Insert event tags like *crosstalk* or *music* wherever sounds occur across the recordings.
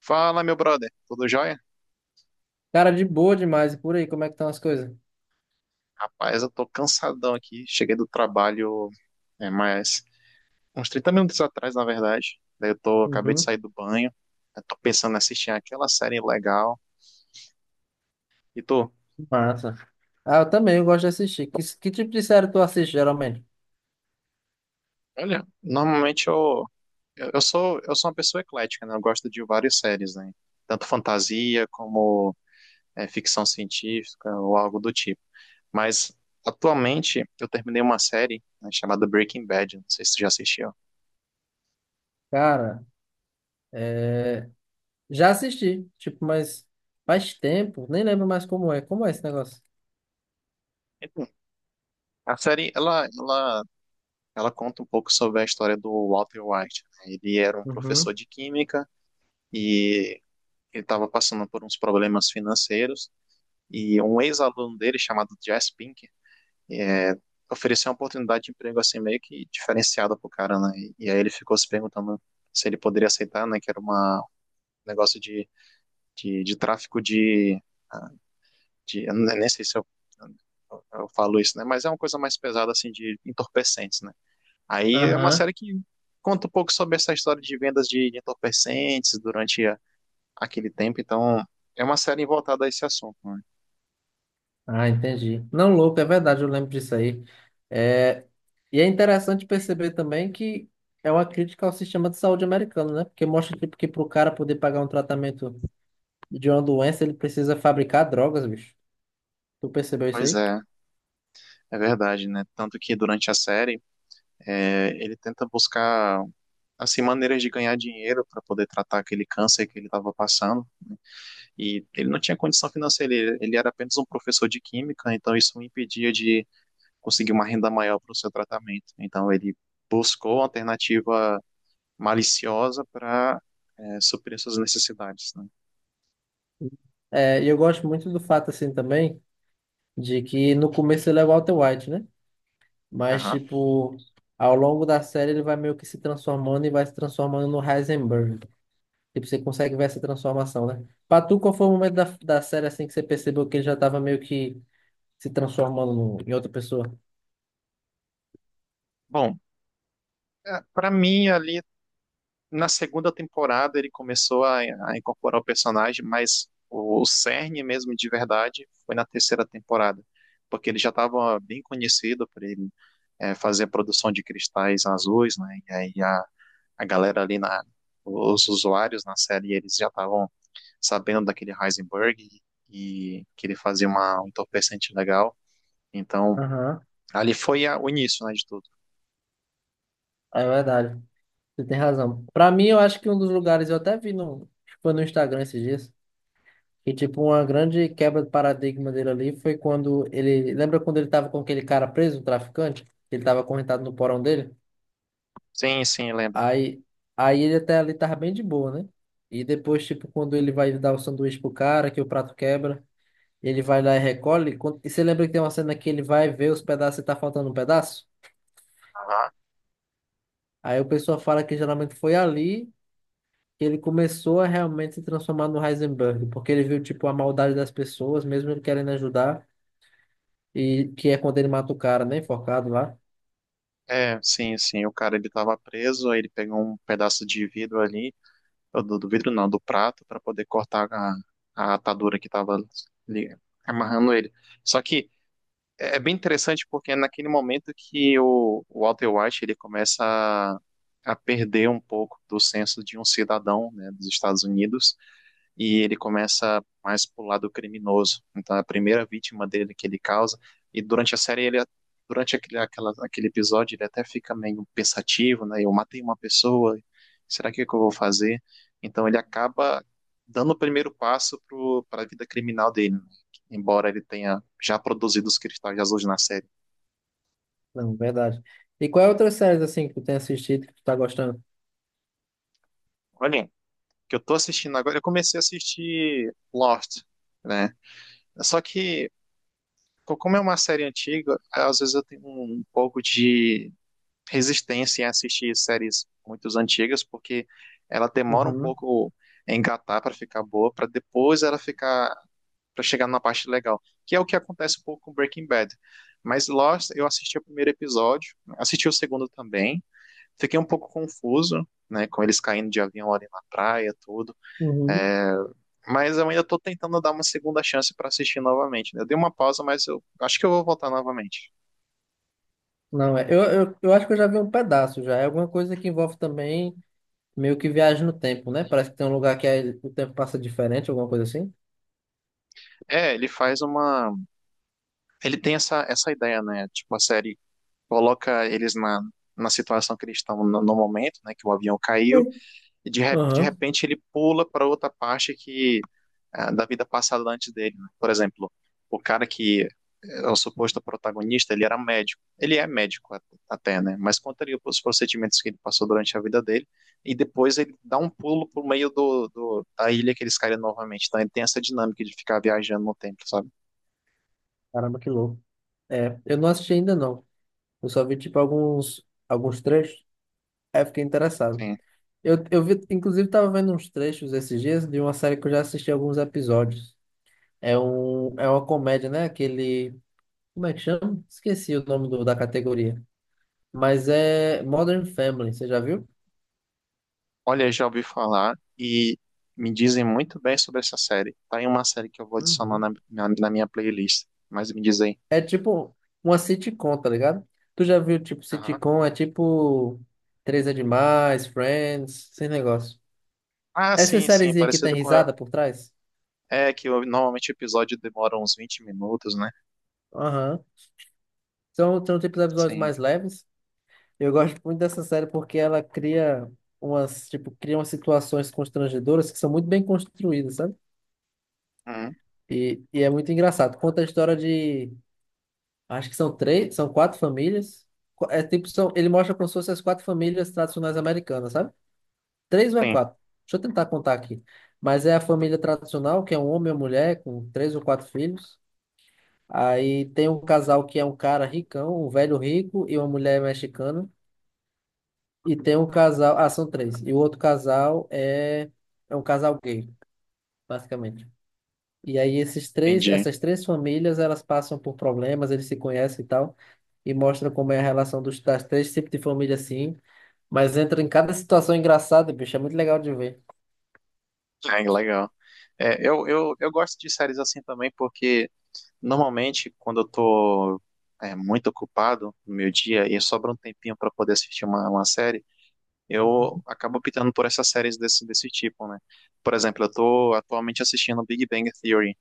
Fala, meu brother, tudo jóia? Cara, de boa demais. E por aí, como é que estão as coisas? Rapaz, eu tô cansadão aqui. Cheguei do trabalho, mais uns 30 minutos atrás, na verdade. Daí eu tô, acabei de Uhum, sair do banho. Eu tô pensando em assistir aquela série legal. E tu? massa. Ah, eu também, eu gosto de assistir. Que tipo de série tu assiste, geralmente? Olha, normalmente eu sou uma pessoa eclética, né? Eu gosto de várias séries, né? Tanto fantasia como ficção científica ou algo do tipo. Mas atualmente eu terminei uma série, né, chamada Breaking Bad. Não sei se tu já assistiu. Cara, já assisti, tipo, mas faz tempo, nem lembro mais como é. Como é esse negócio? A série, ela conta um pouco sobre a história do Walter White, né? Ele era um Uhum, professor de química e ele estava passando por uns problemas financeiros e um ex-aluno dele, chamado Jess Pink, é, ofereceu uma oportunidade de emprego assim meio que diferenciada pro cara, né? E aí ele ficou se perguntando se ele poderia aceitar, né? Que era uma, um negócio de, tráfico de, ah, de... Eu nem sei se eu, eu falo isso, né? Mas é uma coisa mais pesada, assim, de entorpecentes, né? Aí é uma aham. série que conta um pouco sobre essa história de vendas de entorpecentes durante aquele tempo, então é uma série voltada a esse assunto, né? Ah, entendi. Não, louco, é verdade, eu lembro disso aí. É, e é interessante perceber também que é uma crítica ao sistema de saúde americano, né? Porque mostra tipo, que para o cara poder pagar um tratamento de uma doença, ele precisa fabricar drogas, bicho. Tu percebeu isso Pois aí? é, é verdade, né? Tanto que durante a série ele tenta buscar assim maneiras de ganhar dinheiro para poder tratar aquele câncer que ele estava passando e ele não tinha condição financeira, ele era apenas um professor de química, então isso o impedia de conseguir uma renda maior para o seu tratamento. Então ele buscou alternativa maliciosa para suprir suas necessidades, né? É, e eu gosto muito do fato, assim, também, de que no começo ele é o Walter White, né? Mas, Aham. tipo, ao longo da série ele vai meio que se transformando e vai se transformando no Heisenberg. Tipo, você consegue ver essa transformação, né? Pra tu, qual foi o momento da série, assim, que você percebeu que ele já tava meio que se transformando no- em outra pessoa? Bom, para mim ali na segunda temporada ele começou a incorporar o personagem, mas o cerne mesmo de verdade foi na terceira temporada, porque ele já estava bem conhecido por ele fazer a produção de cristais azuis, né? E aí a galera ali na os usuários na série eles já estavam sabendo daquele Heisenberg e que ele fazia uma, um entorpecente legal. Então, Aham. ali foi o início, né, de tudo. É verdade. Você tem razão. Pra mim, eu acho que um dos lugares, eu até vi no, acho que foi no Instagram esses dias, e, tipo, uma grande quebra de paradigma dele ali foi quando ele. Lembra quando ele tava com aquele cara preso, o traficante? Ele tava acorrentado no porão dele? Sim, sim, lembro. Aí, aí ele até ali tava bem de boa, né? E depois, tipo, quando ele vai dar o sanduíche pro cara, que o prato quebra, ele vai lá e recolhe. E quando- e você lembra que tem uma cena que ele vai ver os pedaços e tá faltando um pedaço? Aham. Aí o pessoal fala que geralmente foi ali que ele começou a realmente se transformar no Heisenberg, porque ele viu, tipo, a maldade das pessoas, mesmo ele querendo ajudar. E que é quando ele mata o cara, né? Enforcado lá. É, sim, sim. O cara ele tava preso, aí ele pegou um pedaço de vidro ali, ou do, do vidro não, do prato, para poder cortar a atadura que tava ali, amarrando ele. Só que é bem interessante porque é naquele momento que o Walter White ele começa a perder um pouco do senso de um cidadão, né, dos Estados Unidos e ele começa mais pro lado criminoso. Então, é a primeira vítima dele que ele causa, e durante a série, ele, durante aquele, aquela, aquele episódio, ele até fica meio pensativo, né? Eu matei uma pessoa, será que é que eu vou fazer? Então, ele acaba dando o primeiro passo para a vida criminal dele, né? Embora ele tenha já produzido os cristais azuis na série. Não, verdade. E qual é a outra série assim que tu tem assistido que tu tá gostando? Olha, que eu tô assistindo agora, eu comecei a assistir Lost, né? Só que como é uma série antiga, às vezes eu tenho um, um pouco de resistência em assistir séries muito antigas, porque ela demora um Uhum, pouco a engatar para ficar boa, para depois ela ficar para chegar na parte legal, que é o que acontece um pouco com Breaking Bad. Mas Lost, eu assisti o primeiro episódio, assisti o segundo também, fiquei um pouco confuso, né, com eles caindo de avião ali na praia, tudo. uhum. É, mas eu ainda estou tentando dar uma segunda chance para assistir novamente, né? Eu dei uma pausa, mas eu acho que eu vou voltar novamente. Não, é. Eu acho que eu já vi um pedaço já. É alguma coisa que envolve também meio que viagem no tempo, né? Parece que tem um lugar que aí o tempo passa diferente, alguma coisa assim. É, ele faz uma. Ele tem essa, essa ideia, né? Tipo, a série coloca eles na, na situação que eles estão no, no momento, né? Que o avião caiu, Sim. e de, de Aham. repente ele pula para outra parte que ah, da vida passada antes dele, né? Por exemplo, o cara que é o suposto protagonista, ele era médico. Ele é médico até, né? Mas conta ali os procedimentos que ele passou durante a vida dele e depois ele dá um pulo pro meio do, da ilha que eles caíram novamente. Então ele tem essa dinâmica de ficar viajando no tempo, sabe? Caramba, que louco. É, eu não assisti ainda não. Eu só vi tipo alguns trechos. Aí eu fiquei interessado. Sim. Eu vi, inclusive, tava vendo uns trechos esses dias de uma série que eu já assisti alguns episódios. É, um, é uma comédia, né? Aquele. Como é que chama? Esqueci o nome do- da categoria. Mas é Modern Family, você já viu? Olha, já ouvi falar e me dizem muito bem sobre essa série. Tá em uma série que eu vou adicionar na, Uhum. na minha playlist. Mas me diz aí. É tipo uma sitcom, tá ligado? Tu já viu, tipo, Aham. sitcom? É tipo Três é Demais, Friends, esse negócio. Ah, Essa sim, sim, é sériezinha que tem parecido com a... risada por trás? É que normalmente o episódio demora uns 20 minutos, né? Aham. São tipos de episódios Sim. mais leves. Eu gosto muito dessa série porque ela cria umas, tipo, cria umas situações constrangedoras que são muito bem construídas, sabe? Hum, E é muito engraçado. Conta a história de. Acho que são três, são quatro famílias. Qu- É tipo, são, ele mostra como se fossem as quatro famílias tradicionais americanas, sabe? Três ou é sim, quatro? Deixa eu tentar contar aqui. Mas é a família tradicional, que é um homem e uma mulher, com três ou quatro filhos. Aí tem um casal que é um cara ricão, um velho rico e uma mulher mexicana. E tem um casal. Ah, são três. E o outro casal é um casal gay, basicamente. E aí entendi. essas três famílias, elas passam por problemas, eles se conhecem e tal, e mostra como é a relação dos, das três tipos de família assim, mas entra em cada situação engraçada, bicho, é muito legal de ver. É, legal. É, eu gosto de séries assim também, porque normalmente quando eu tô muito ocupado no meu dia e sobra um tempinho para poder assistir uma série, eu acabo optando por essas séries desse, desse tipo, né? Por exemplo, eu tô atualmente assistindo Big Bang Theory,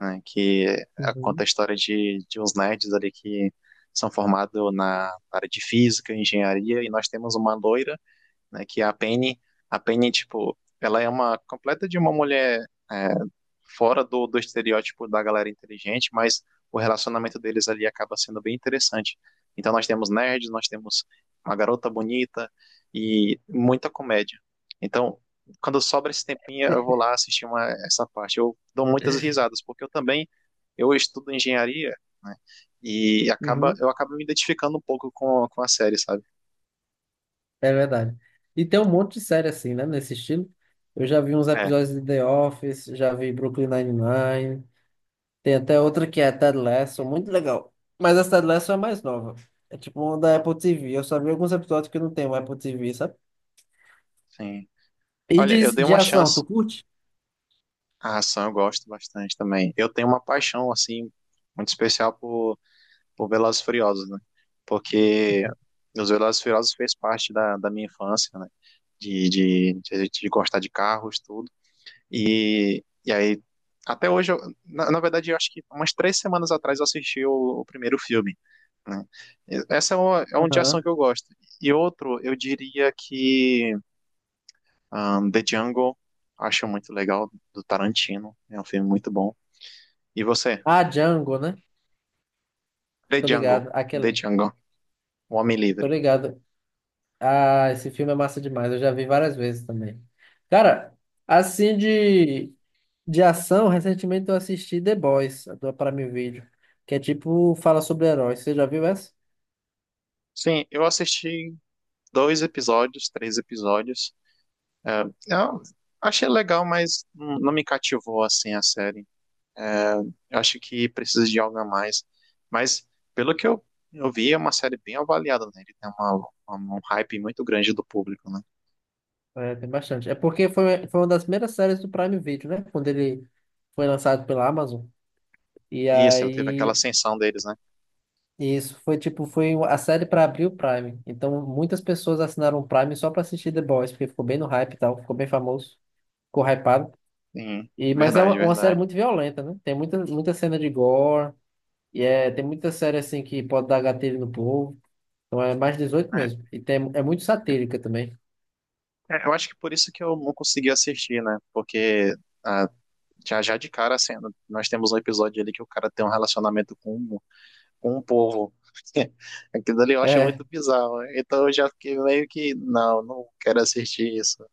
né, que Uhum, é, conta a uhum, história de uns nerds ali que são formados na área de física, engenharia, e nós temos uma loira, né, que é a Penny. A Penny, tipo, ela é uma completa de uma mulher é, fora do, do estereótipo da galera inteligente, mas o relacionamento deles ali acaba sendo bem interessante. Então nós temos nerds, nós temos uma garota bonita e muita comédia. Então, quando sobra esse tempinho, eu vou *laughs* lá assistir uma, essa parte. Eu dou muitas risadas, porque eu também eu estudo engenharia, né? E acaba, uhum. eu acabo me identificando um pouco com a série, sabe? É verdade. E tem um monte de série assim, né, nesse estilo. Eu já vi uns É, episódios de The Office, já vi Brooklyn Nine-Nine, tem até outra que é Ted Lasso, muito legal. Mas essa Ted Lasso é mais nova. É tipo uma da Apple TV. Eu só vi alguns episódios que não tem o Apple TV, sabe? sim. E Olha, eu de, dei de uma ação, tu chance. curte? A ação eu gosto bastante também. Eu tenho uma paixão, assim, muito especial por Velozes e Furiosos, né? Porque os Velozes e Furiosos fez parte da, da minha infância, né? De a gente de gostar de carros, tudo. E aí, até hoje, na, na verdade, eu acho que umas 3 semanas atrás eu assisti o primeiro filme, né? E essa é, uma, é um de ação Aham. que eu gosto. E outro, eu diria que The Jungle, acho muito legal, do Tarantino. É um filme muito bom. E você? Ah, Django, né? The Tô Jungle. ligado. The Aquela. Jungle. O Homem Tô Livre. ligado. Ah, esse filme é massa demais. Eu já vi várias vezes também. Cara, assim de ação, recentemente eu assisti The Boys, do Prime Video, que é tipo, fala sobre heróis. Você já viu essa? Sim, eu assisti 2 episódios, 3 episódios. É, eu achei legal, mas não me cativou assim a série. Eu acho que precisa de algo a mais. Mas, pelo que eu vi, é uma série bem avaliada, né? Ele tem uma, um hype muito grande do público, né? É, tem bastante. É porque foi uma das primeiras séries do Prime Video, né? Quando ele foi lançado pela Amazon. E Isso, ele teve aquela aí ascensão deles, né? isso, foi tipo, foi a série para abrir o Prime. Então, muitas pessoas assinaram o Prime só para assistir The Boys, porque ficou bem no hype e tal, ficou bem famoso, ficou hypado. Sim, E, mas é verdade, uma série verdade. muito violenta, né? Tem muita, muita cena de gore, e é, tem muita série assim que pode dar gatilho no povo. Então é mais 18 É, mesmo. E tem, é muito satírica também. Eu acho que por isso que eu não consegui assistir, né? Porque ah, já já de cara, assim, nós temos um episódio ali que o cara tem um relacionamento com um com o povo. *laughs* Aquilo dali eu acho É, muito bizarro, né? Então eu já fiquei meio que, não, não quero assistir isso.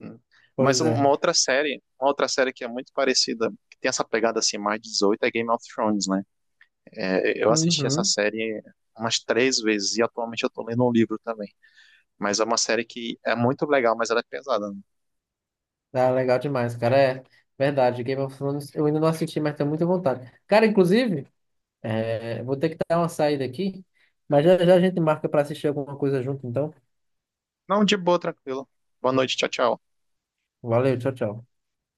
Hum. Mas pois um, é. Uma outra série que é muito parecida, que tem essa pegada assim, mais 18, é Game of Thrones, né? É, eu assisti essa Uhum. série umas 3 vezes e atualmente eu tô lendo um livro também. Mas é uma série que é muito legal, mas ela é pesada, né? Ah, legal demais, cara. É verdade. Game of Thrones eu ainda não assisti, mas tenho muita vontade. Cara, inclusive. É, vou ter que dar uma saída aqui, mas já já a gente marca para assistir alguma coisa junto, então. Não, de boa, tranquilo. Boa noite, tchau, tchau. Valeu, tchau, tchau.